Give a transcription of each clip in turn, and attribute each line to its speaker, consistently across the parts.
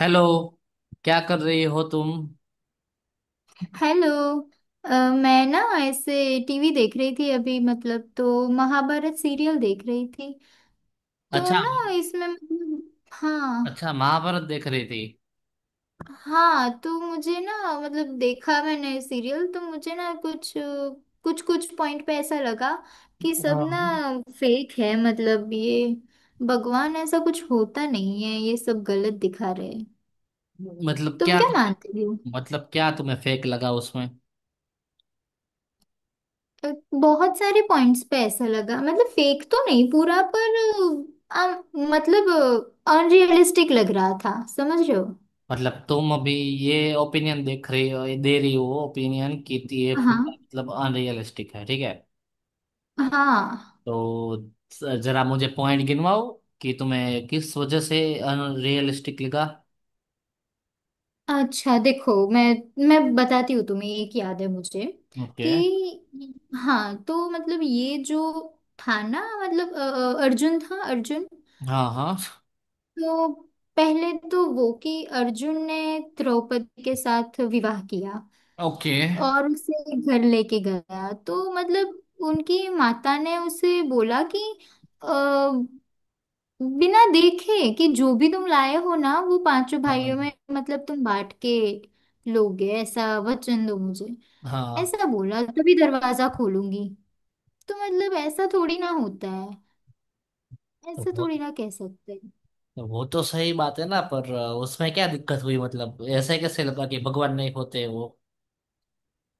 Speaker 1: Hello. क्या कर रही हो तुम?
Speaker 2: हेलो। अ, मैं ना ऐसे टीवी देख रही थी अभी मतलब। तो महाभारत सीरियल देख रही थी तो
Speaker 1: अच्छा।
Speaker 2: ना। इसमें मतलब हाँ।
Speaker 1: अच्छा, महाभारत देख रही थी।
Speaker 2: हाँ तो मुझे ना मतलब देखा मैंने सीरियल। तो मुझे ना कुछ कुछ कुछ पॉइंट पे ऐसा लगा कि सब ना
Speaker 1: हाँ।
Speaker 2: फेक है। मतलब ये भगवान ऐसा कुछ होता नहीं है। ये सब गलत दिखा रहे हैं।
Speaker 1: मतलब
Speaker 2: तुम
Speaker 1: क्या?
Speaker 2: क्या मानते हो?
Speaker 1: मतलब क्या तुम्हें फेक लगा उसमें?
Speaker 2: अ, बहुत सारे पॉइंट्स पे ऐसा लगा। मतलब फेक तो नहीं पूरा, पर मतलब अनरियलिस्टिक लग रहा था। समझ रहे हो?
Speaker 1: मतलब तुम अभी ये ओपिनियन देख रही हो, दे रही हो ओपिनियन कि ये पूरा
Speaker 2: हाँ
Speaker 1: मतलब अनरियलिस्टिक है, ठीक है।
Speaker 2: हाँ।
Speaker 1: तो जरा मुझे पॉइंट गिनवाओ कि तुम्हें किस वजह से अनरियलिस्टिक लगा।
Speaker 2: अच्छा देखो मैं बताती हूँ तुम्हें। एक याद है मुझे
Speaker 1: ओके।
Speaker 2: कि, हाँ तो मतलब ये जो था ना, मतलब अर्जुन था, अर्जुन।
Speaker 1: हाँ, हाँ।
Speaker 2: तो पहले तो वो कि अर्जुन ने द्रौपदी के साथ विवाह किया
Speaker 1: ओके।
Speaker 2: और उसे घर लेके गया, तो मतलब उनकी माता ने उसे बोला कि अ, बिना देखे कि जो भी तुम लाए हो ना वो पांचों
Speaker 1: हाँ,
Speaker 2: भाइयों में मतलब तुम बांट के लोगे, ऐसा वचन दो मुझे।
Speaker 1: हाँ।
Speaker 2: ऐसा बोला तभी दरवाजा खोलूंगी। तो मतलब ऐसा थोड़ी ना होता है। ऐसा थोड़ी ना कह सकते।
Speaker 1: वो तो सही बात है ना, पर उसमें क्या दिक्कत हुई, मतलब ऐसे कैसे लगा कि भगवान नहीं होते वो?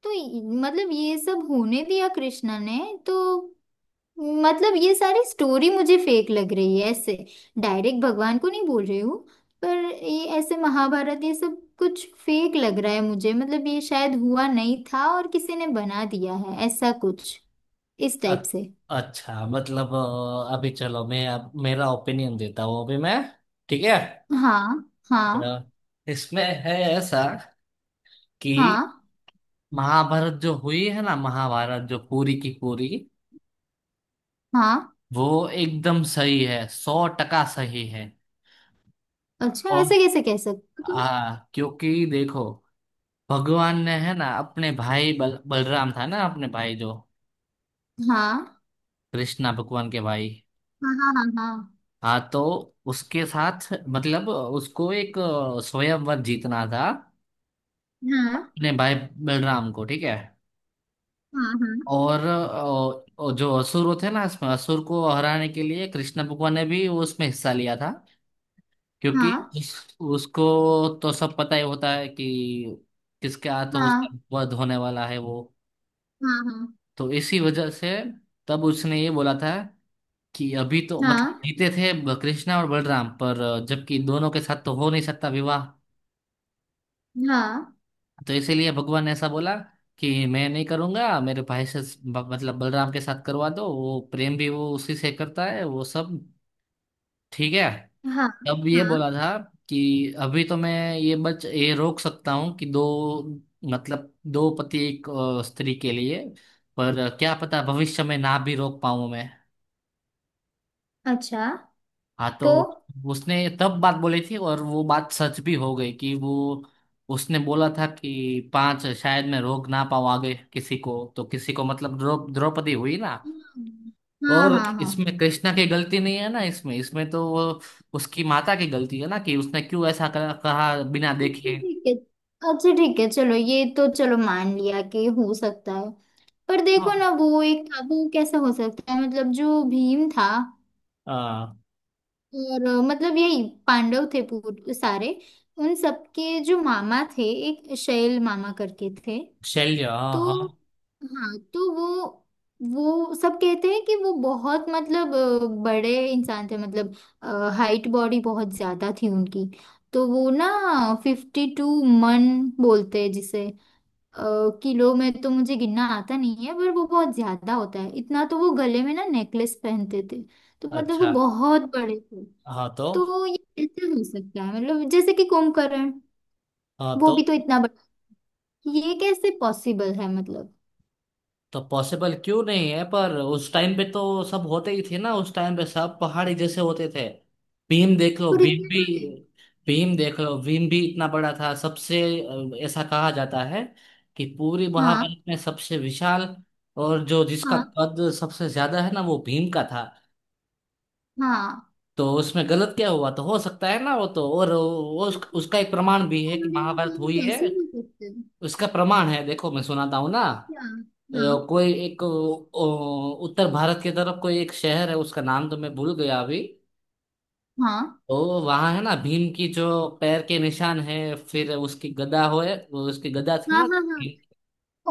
Speaker 2: तो मतलब ये सब होने दिया कृष्णा ने। तो मतलब ये सारी स्टोरी मुझे फेक लग रही है ऐसे। डायरेक्ट भगवान को नहीं बोल रही हूँ, पर ये ऐसे महाभारत ये सब कुछ फेक लग रहा है मुझे। मतलब ये शायद हुआ नहीं था और किसी ने बना दिया है ऐसा कुछ, इस
Speaker 1: अ-
Speaker 2: टाइप से।
Speaker 1: अच्छा, मतलब अभी चलो, मैं अब मेरा ओपिनियन देता हूँ अभी मैं। ठीक है।
Speaker 2: हाँ हाँ
Speaker 1: अ, इसमें है ऐसा कि
Speaker 2: हाँ
Speaker 1: महाभारत जो हुई है ना, महाभारत जो पूरी की पूरी
Speaker 2: हाँ।
Speaker 1: वो एकदम सही है, सौ टका सही है।
Speaker 2: अच्छा
Speaker 1: और
Speaker 2: ऐसा कैसे कह सकते हो
Speaker 1: हाँ, क्योंकि देखो, भगवान ने है ना अपने भाई बलराम था ना, अपने भाई जो
Speaker 2: तुम? हाँ
Speaker 1: कृष्णा भगवान के भाई।
Speaker 2: हाँ हाँ
Speaker 1: हाँ, तो उसके साथ मतलब उसको एक स्वयंवर जीतना था
Speaker 2: हाँ
Speaker 1: अपने भाई बलराम को, ठीक है।
Speaker 2: हाँ
Speaker 1: और जो असुर थे ना, इसमें असुर को हराने के लिए कृष्ण भगवान ने भी उसमें हिस्सा लिया था, क्योंकि
Speaker 2: हाँ
Speaker 1: उसको तो सब पता ही होता है कि किसके हाथ
Speaker 2: हाँ
Speaker 1: उसका वध होने वाला है वो।
Speaker 2: हाँ
Speaker 1: तो इसी वजह से तब उसने ये बोला था कि अभी तो
Speaker 2: हाँ
Speaker 1: मतलब
Speaker 2: हाँ
Speaker 1: जीते थे कृष्णा और बलराम, पर जबकि दोनों के साथ तो हो नहीं सकता विवाह।
Speaker 2: हाँ हाँ हाँ
Speaker 1: तो इसीलिए भगवान ने ऐसा बोला कि मैं नहीं करूंगा मेरे भाई से, मतलब बलराम के साथ करवा दो, वो प्रेम भी वो उसी से करता है वो सब, ठीक है।
Speaker 2: हाँ हाँ
Speaker 1: तब ये
Speaker 2: हाँ।
Speaker 1: बोला था कि अभी तो मैं ये बच ये रोक सकता हूँ कि दो, मतलब दो पति एक स्त्री के लिए, पर क्या पता भविष्य में ना भी रोक पाऊं मैं।
Speaker 2: अच्छा।
Speaker 1: हाँ, तो
Speaker 2: तो
Speaker 1: उसने तब बात बोली थी और वो बात सच भी हो गई कि वो उसने बोला था कि पांच शायद मैं रोक ना पाऊँ आगे किसी को तो किसी को, मतलब द्रौपदी हुई ना।
Speaker 2: हम्म, हाँ
Speaker 1: और
Speaker 2: हाँ हाँ।
Speaker 1: इसमें कृष्णा की गलती नहीं है ना, इसमें इसमें तो वो उसकी माता की गलती है ना कि उसने क्यों ऐसा कहा बिना
Speaker 2: अच्छा
Speaker 1: देखे।
Speaker 2: ठीक है। अच्छा ठीक है, चलो ये तो चलो मान लिया कि हो सकता है। पर देखो ना
Speaker 1: हाँ।
Speaker 2: वो एक था वो कैसे हो सकता है, मतलब जो भीम था
Speaker 1: आ,
Speaker 2: और मतलब यही पांडव थे, सारे उन सबके जो मामा थे, एक शैल मामा करके थे।
Speaker 1: शल्य, हाँ,
Speaker 2: तो
Speaker 1: हाँ।
Speaker 2: हाँ तो वो सब कहते हैं कि वो बहुत, मतलब बड़े इंसान थे। मतलब हाइट बॉडी बहुत ज्यादा थी उनकी। तो वो ना 52 मन बोलते हैं जिसे। अ, किलो में तो मुझे गिनना आता नहीं है, पर वो बहुत ज्यादा होता है इतना। तो वो गले में ना नेकलेस पहनते थे। तो मतलब वो
Speaker 1: अच्छा।
Speaker 2: बहुत बड़े थे।
Speaker 1: हाँ, तो।
Speaker 2: तो ये कैसे हो सकता है, मतलब जैसे कि कुंभकर्ण
Speaker 1: हाँ,
Speaker 2: वो
Speaker 1: तो।
Speaker 2: भी तो इतना बड़ा। ये कैसे पॉसिबल है मतलब?
Speaker 1: तो पॉसिबल क्यों नहीं है? पर उस टाइम पे तो सब होते ही थे ना, उस टाइम पे सब पहाड़ी जैसे होते थे। भीम देख लो
Speaker 2: पर
Speaker 1: भीम
Speaker 2: इतने
Speaker 1: भी
Speaker 2: बड़े।
Speaker 1: भीम देख लो, भीम भी इतना बड़ा था सबसे। ऐसा कहा जाता है कि पूरी
Speaker 2: हाँ
Speaker 1: महाभारत में सबसे विशाल और जो जिसका
Speaker 2: हाँ
Speaker 1: कद सबसे ज्यादा है ना वो भीम का था।
Speaker 2: हाँ।
Speaker 1: तो उसमें गलत क्या हुआ? तो हो सकता है ना वो तो। और वो उसका एक प्रमाण भी है कि
Speaker 2: कैलोरीज
Speaker 1: महाभारत
Speaker 2: हम
Speaker 1: हुई है।
Speaker 2: कैसे भी करते हैं।
Speaker 1: उसका प्रमाण है, देखो मैं सुनाता हूँ ना।
Speaker 2: क्या,
Speaker 1: अ,
Speaker 2: हाँ।
Speaker 1: कोई एक उत्तर भारत की तरफ कोई एक शहर है, उसका नाम तो मैं भूल गया अभी।
Speaker 2: हाँ
Speaker 1: तो वहां है ना भीम की जो पैर के निशान है, फिर उसकी गदा होए, उसकी गदा थी
Speaker 2: हाँ
Speaker 1: ना।
Speaker 2: हाँ हाँ।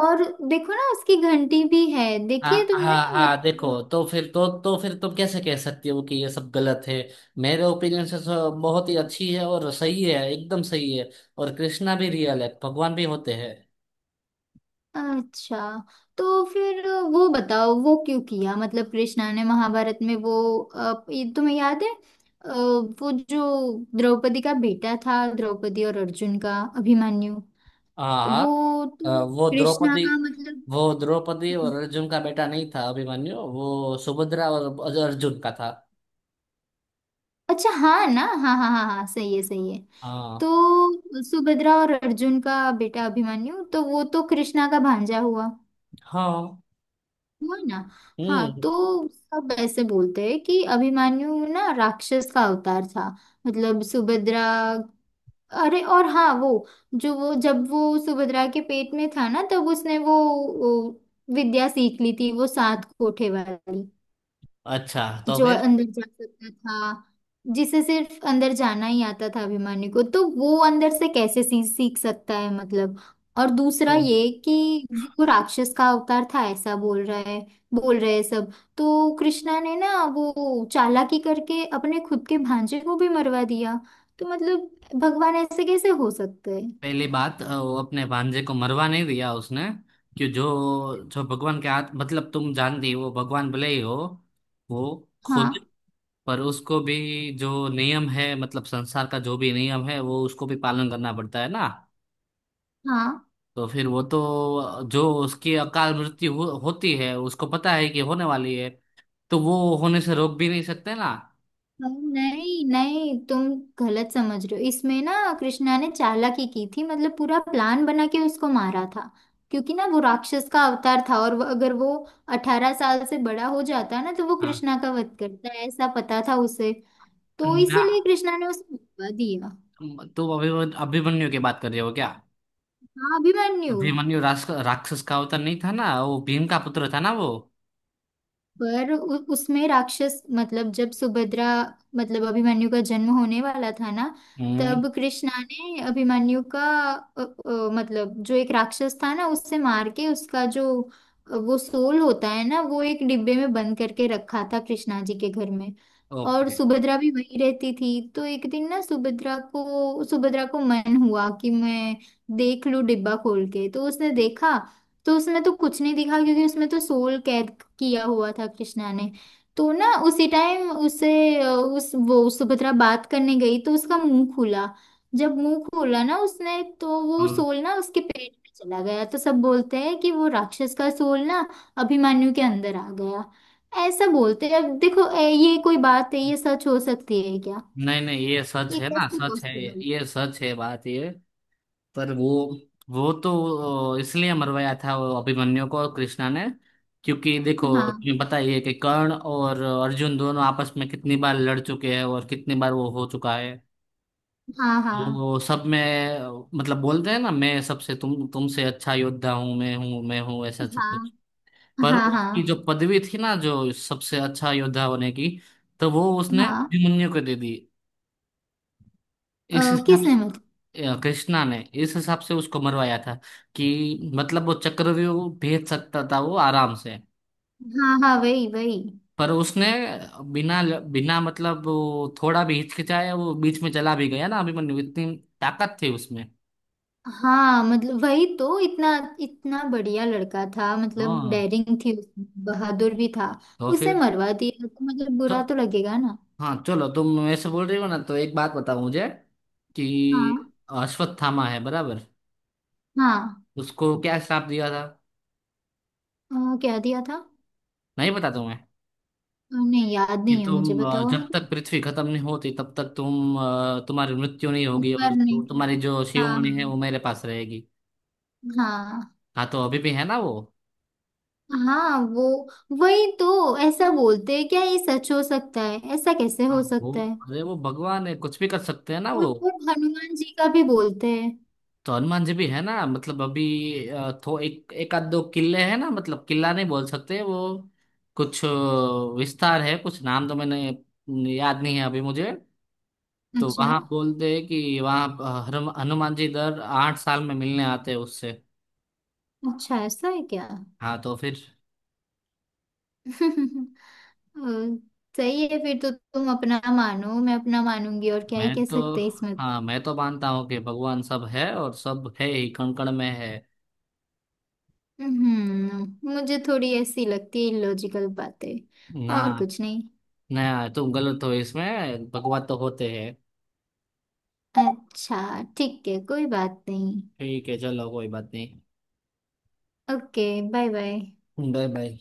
Speaker 2: और देखो ना उसकी घंटी भी है, देखी है
Speaker 1: हाँ,
Speaker 2: तुमने
Speaker 1: हाँ, हाँ। देखो,
Speaker 2: मतलब?
Speaker 1: तो फिर तुम कैसे कह सकती हो कि ये सब गलत है? मेरे ओपिनियन से तो बहुत ही अच्छी है और सही है, एकदम सही है। और कृष्णा भी रियल है, भगवान भी होते हैं।
Speaker 2: अच्छा। तो फिर वो बताओ वो क्यों किया, मतलब कृष्णा ने महाभारत में वो, ये तुम्हें याद है? अ, वो जो द्रौपदी का बेटा था, द्रौपदी और अर्जुन का, अभिमन्यु,
Speaker 1: हाँ, हाँ,
Speaker 2: वो तो
Speaker 1: अ, वो
Speaker 2: कृष्णा
Speaker 1: द्रौपदी
Speaker 2: का मतलब।
Speaker 1: वो द्रौपदी और
Speaker 2: हाँ।
Speaker 1: अर्जुन का बेटा नहीं था अभिमन्यु, वो सुभद्रा और अर्जुन का था।
Speaker 2: अच्छा, हाँ ना, हाँ हाँ हाँ हाँ सही है सही है।
Speaker 1: हाँ।
Speaker 2: तो सुभद्रा और अर्जुन का बेटा अभिमन्यु, तो वो तो कृष्णा का भांजा हुआ।
Speaker 1: हाँ।
Speaker 2: हुआ ना? हाँ
Speaker 1: हम्म।
Speaker 2: तो सब ऐसे बोलते हैं कि अभिमन्यु ना राक्षस का अवतार था। मतलब सुभद्रा, अरे और हाँ वो, जो वो जब वो सुभद्रा के पेट में था ना, तब उसने वो विद्या सीख ली थी, वो सात कोठे वाली,
Speaker 1: अच्छा, तो
Speaker 2: जो
Speaker 1: फिर।
Speaker 2: अंदर जा सकता था, जिसे सिर्फ अंदर जाना ही आता था। अभिमानी को तो वो अंदर से कैसे सीख सकता है मतलब? और दूसरा
Speaker 1: तो
Speaker 2: ये कि वो राक्षस का अवतार था, ऐसा बोल रहा है, बोल रहे हैं सब। तो कृष्णा ने ना वो चालाकी करके अपने खुद के भांजे को भी मरवा दिया। तो मतलब भगवान ऐसे कैसे हो सकते हैं?
Speaker 1: पहली बात, वो अपने भांजे को मरवा नहीं दिया उसने कि जो जो भगवान के हाथ, मतलब तुम जानती हो वो भगवान भले ही हो वो खुद,
Speaker 2: हाँ
Speaker 1: पर उसको भी जो नियम है, मतलब संसार का जो भी नियम है वो उसको भी पालन करना पड़ता है ना।
Speaker 2: हाँ
Speaker 1: तो फिर वो तो जो उसकी अकाल मृत्यु होती है उसको पता है कि होने वाली है, तो वो होने से रोक भी नहीं सकते ना।
Speaker 2: हाँ। नहीं नहीं, तुम गलत समझ रहे हो इसमें ना। कृष्णा ने चालाकी की थी, मतलब पूरा प्लान बना के उसको मारा था। क्योंकि ना वो राक्षस का अवतार था और अगर वो 18 साल से बड़ा हो जाता ना तो वो
Speaker 1: हाँ।
Speaker 2: कृष्णा का वध करता है, ऐसा पता था उसे। तो
Speaker 1: ना,
Speaker 2: इसीलिए कृष्णा ने उसे मरवा दिया।
Speaker 1: तो अभिमन्यु अभिमन्यु की बात कर रहे हो क्या?
Speaker 2: हाँ, अभिमन्यु।
Speaker 1: अभिमन्यु राक्षस का अवतार नहीं था ना, वो भीम का पुत्र था ना वो।
Speaker 2: पर उसमें राक्षस, मतलब जब सुभद्रा, मतलब अभिमन्यु का जन्म होने वाला था ना,
Speaker 1: हम्म।
Speaker 2: तब कृष्णा ने अभिमन्यु का मतलब जो एक राक्षस था ना उससे मार के, उसका जो वो सोल होता है ना, वो एक डिब्बे में बंद करके रखा था कृष्णा जी के घर में। और
Speaker 1: ओके।
Speaker 2: सुभद्रा भी वहीं रहती थी। तो एक दिन ना सुभद्रा को मन हुआ कि मैं देख लूं डिब्बा खोल के। तो उसने देखा तो उसमें तो कुछ नहीं दिखा, क्योंकि उसमें तो सोल कैद किया हुआ था कृष्णा ने। तो ना उसी टाइम उसे, अ, उस वो सुभद्रा बात करने गई तो उसका मुंह खुला। जब मुंह खोला ना उसने, तो वो
Speaker 1: हम्म।
Speaker 2: सोल ना उसके पेट में चला गया। तो सब बोलते हैं कि वो राक्षस का सोल ना अभिमन्यु के अंदर आ गया, ऐसा बोलते हैं। अब देखो ये कोई बात है? ये सच हो सकती है क्या?
Speaker 1: नहीं, नहीं, ये सच
Speaker 2: ये
Speaker 1: है ना,
Speaker 2: कैसे
Speaker 1: सच है।
Speaker 2: पॉसिबल?
Speaker 1: ये सच है बात ये। पर वो तो इसलिए मरवाया था वो अभिमन्यु को कृष्णा ने, क्योंकि देखो,
Speaker 2: हाँ
Speaker 1: तुम्हें पता ही है कि कर्ण और अर्जुन दोनों आपस में कितनी बार लड़ चुके हैं और कितनी बार वो हो चुका है।
Speaker 2: हाँ हाँ
Speaker 1: वो सब में मतलब बोलते हैं ना, मैं सबसे तुमसे अच्छा योद्धा हूँ, मैं हूँ, मैं हूँ, ऐसा सब कुछ।
Speaker 2: हाँ
Speaker 1: पर
Speaker 2: हाँ
Speaker 1: उसकी जो
Speaker 2: हाँ
Speaker 1: पदवी थी ना जो सबसे अच्छा योद्धा होने की, तो वो उसने
Speaker 2: हाँ।
Speaker 1: अभिमन्यु को दे दी। इस हिसाब,
Speaker 2: किसने मतलब?
Speaker 1: कृष्णा ने इस हिसाब से उसको मरवाया था कि, मतलब वो चक्रव्यूह भेज सकता था वो आराम से,
Speaker 2: हाँ हाँ, वही वही।
Speaker 1: पर उसने बिना बिना, मतलब वो थोड़ा भी हिचकिचाया, वो बीच में चला भी गया ना अभिमन्यु, इतनी ताकत थी उसमें।
Speaker 2: हाँ मतलब वही तो, इतना इतना बढ़िया लड़का था, मतलब
Speaker 1: हाँ,
Speaker 2: डेयरिंग थी उसमें, बहादुर भी था।
Speaker 1: तो
Speaker 2: उसे
Speaker 1: फिर
Speaker 2: मरवा दिया तो मतलब बुरा
Speaker 1: तो,
Speaker 2: तो लगेगा ना।
Speaker 1: हाँ, चलो तुम ऐसे बोल रही हो ना, तो एक बात बताओ मुझे कि
Speaker 2: हाँ
Speaker 1: अश्वत्थामा है बराबर।
Speaker 2: हाँ।
Speaker 1: उसको क्या श्राप दिया था?
Speaker 2: क्या दिया था?
Speaker 1: नहीं पता तुम्हें?
Speaker 2: नहीं, याद
Speaker 1: कि
Speaker 2: नहीं है मुझे,
Speaker 1: तुम
Speaker 2: बताओ ना।
Speaker 1: जब तक पृथ्वी खत्म नहीं होती तब तक तुम, तुम्हारी मृत्यु नहीं होगी
Speaker 2: मर
Speaker 1: और
Speaker 2: नहीं।
Speaker 1: तुम्हारी जो
Speaker 2: हाँ
Speaker 1: शिवमणि है वो मेरे पास रहेगी।
Speaker 2: हाँ
Speaker 1: हाँ, तो अभी भी है ना वो।
Speaker 2: हाँ। वो वही तो ऐसा बोलते हैं। क्या ये सच हो सकता है, ऐसा कैसे हो
Speaker 1: वो
Speaker 2: सकता है?
Speaker 1: अरे, वो भगवान है, कुछ भी कर सकते हैं ना
Speaker 2: और
Speaker 1: वो।
Speaker 2: और हनुमान जी का भी बोलते हैं।
Speaker 1: तो हनुमान जी भी है ना, मतलब अभी थो एक एक आध दो किले हैं ना, मतलब किला नहीं बोल सकते वो, कुछ विस्तार है, कुछ नाम तो मैंने याद नहीं है अभी मुझे। तो
Speaker 2: अच्छा।
Speaker 1: वहां बोलते हैं कि वहां हनुमान जी दर 8 साल में मिलने आते हैं उससे।
Speaker 2: अच्छा ऐसा है क्या?
Speaker 1: हाँ, तो फिर।
Speaker 2: अ, सही है, फिर तो तुम अपना मानो मैं अपना मानूंगी, और क्या ही
Speaker 1: मैं
Speaker 2: कह
Speaker 1: तो,
Speaker 2: सकते हैं इसमें।
Speaker 1: हाँ, मैं तो मानता हूँ कि भगवान सब है और सब है ही, कण कण में है।
Speaker 2: मुझे थोड़ी ऐसी लगती है लॉजिकल बातें,
Speaker 1: ना।
Speaker 2: और कुछ नहीं।
Speaker 1: ना, तुम गलत हो इसमें, भगवान तो होते हैं।
Speaker 2: अच्छा ठीक है, कोई बात नहीं।
Speaker 1: ठीक है, चलो, कोई बात नहीं।
Speaker 2: Okay. Bye bye.
Speaker 1: Bye, bye.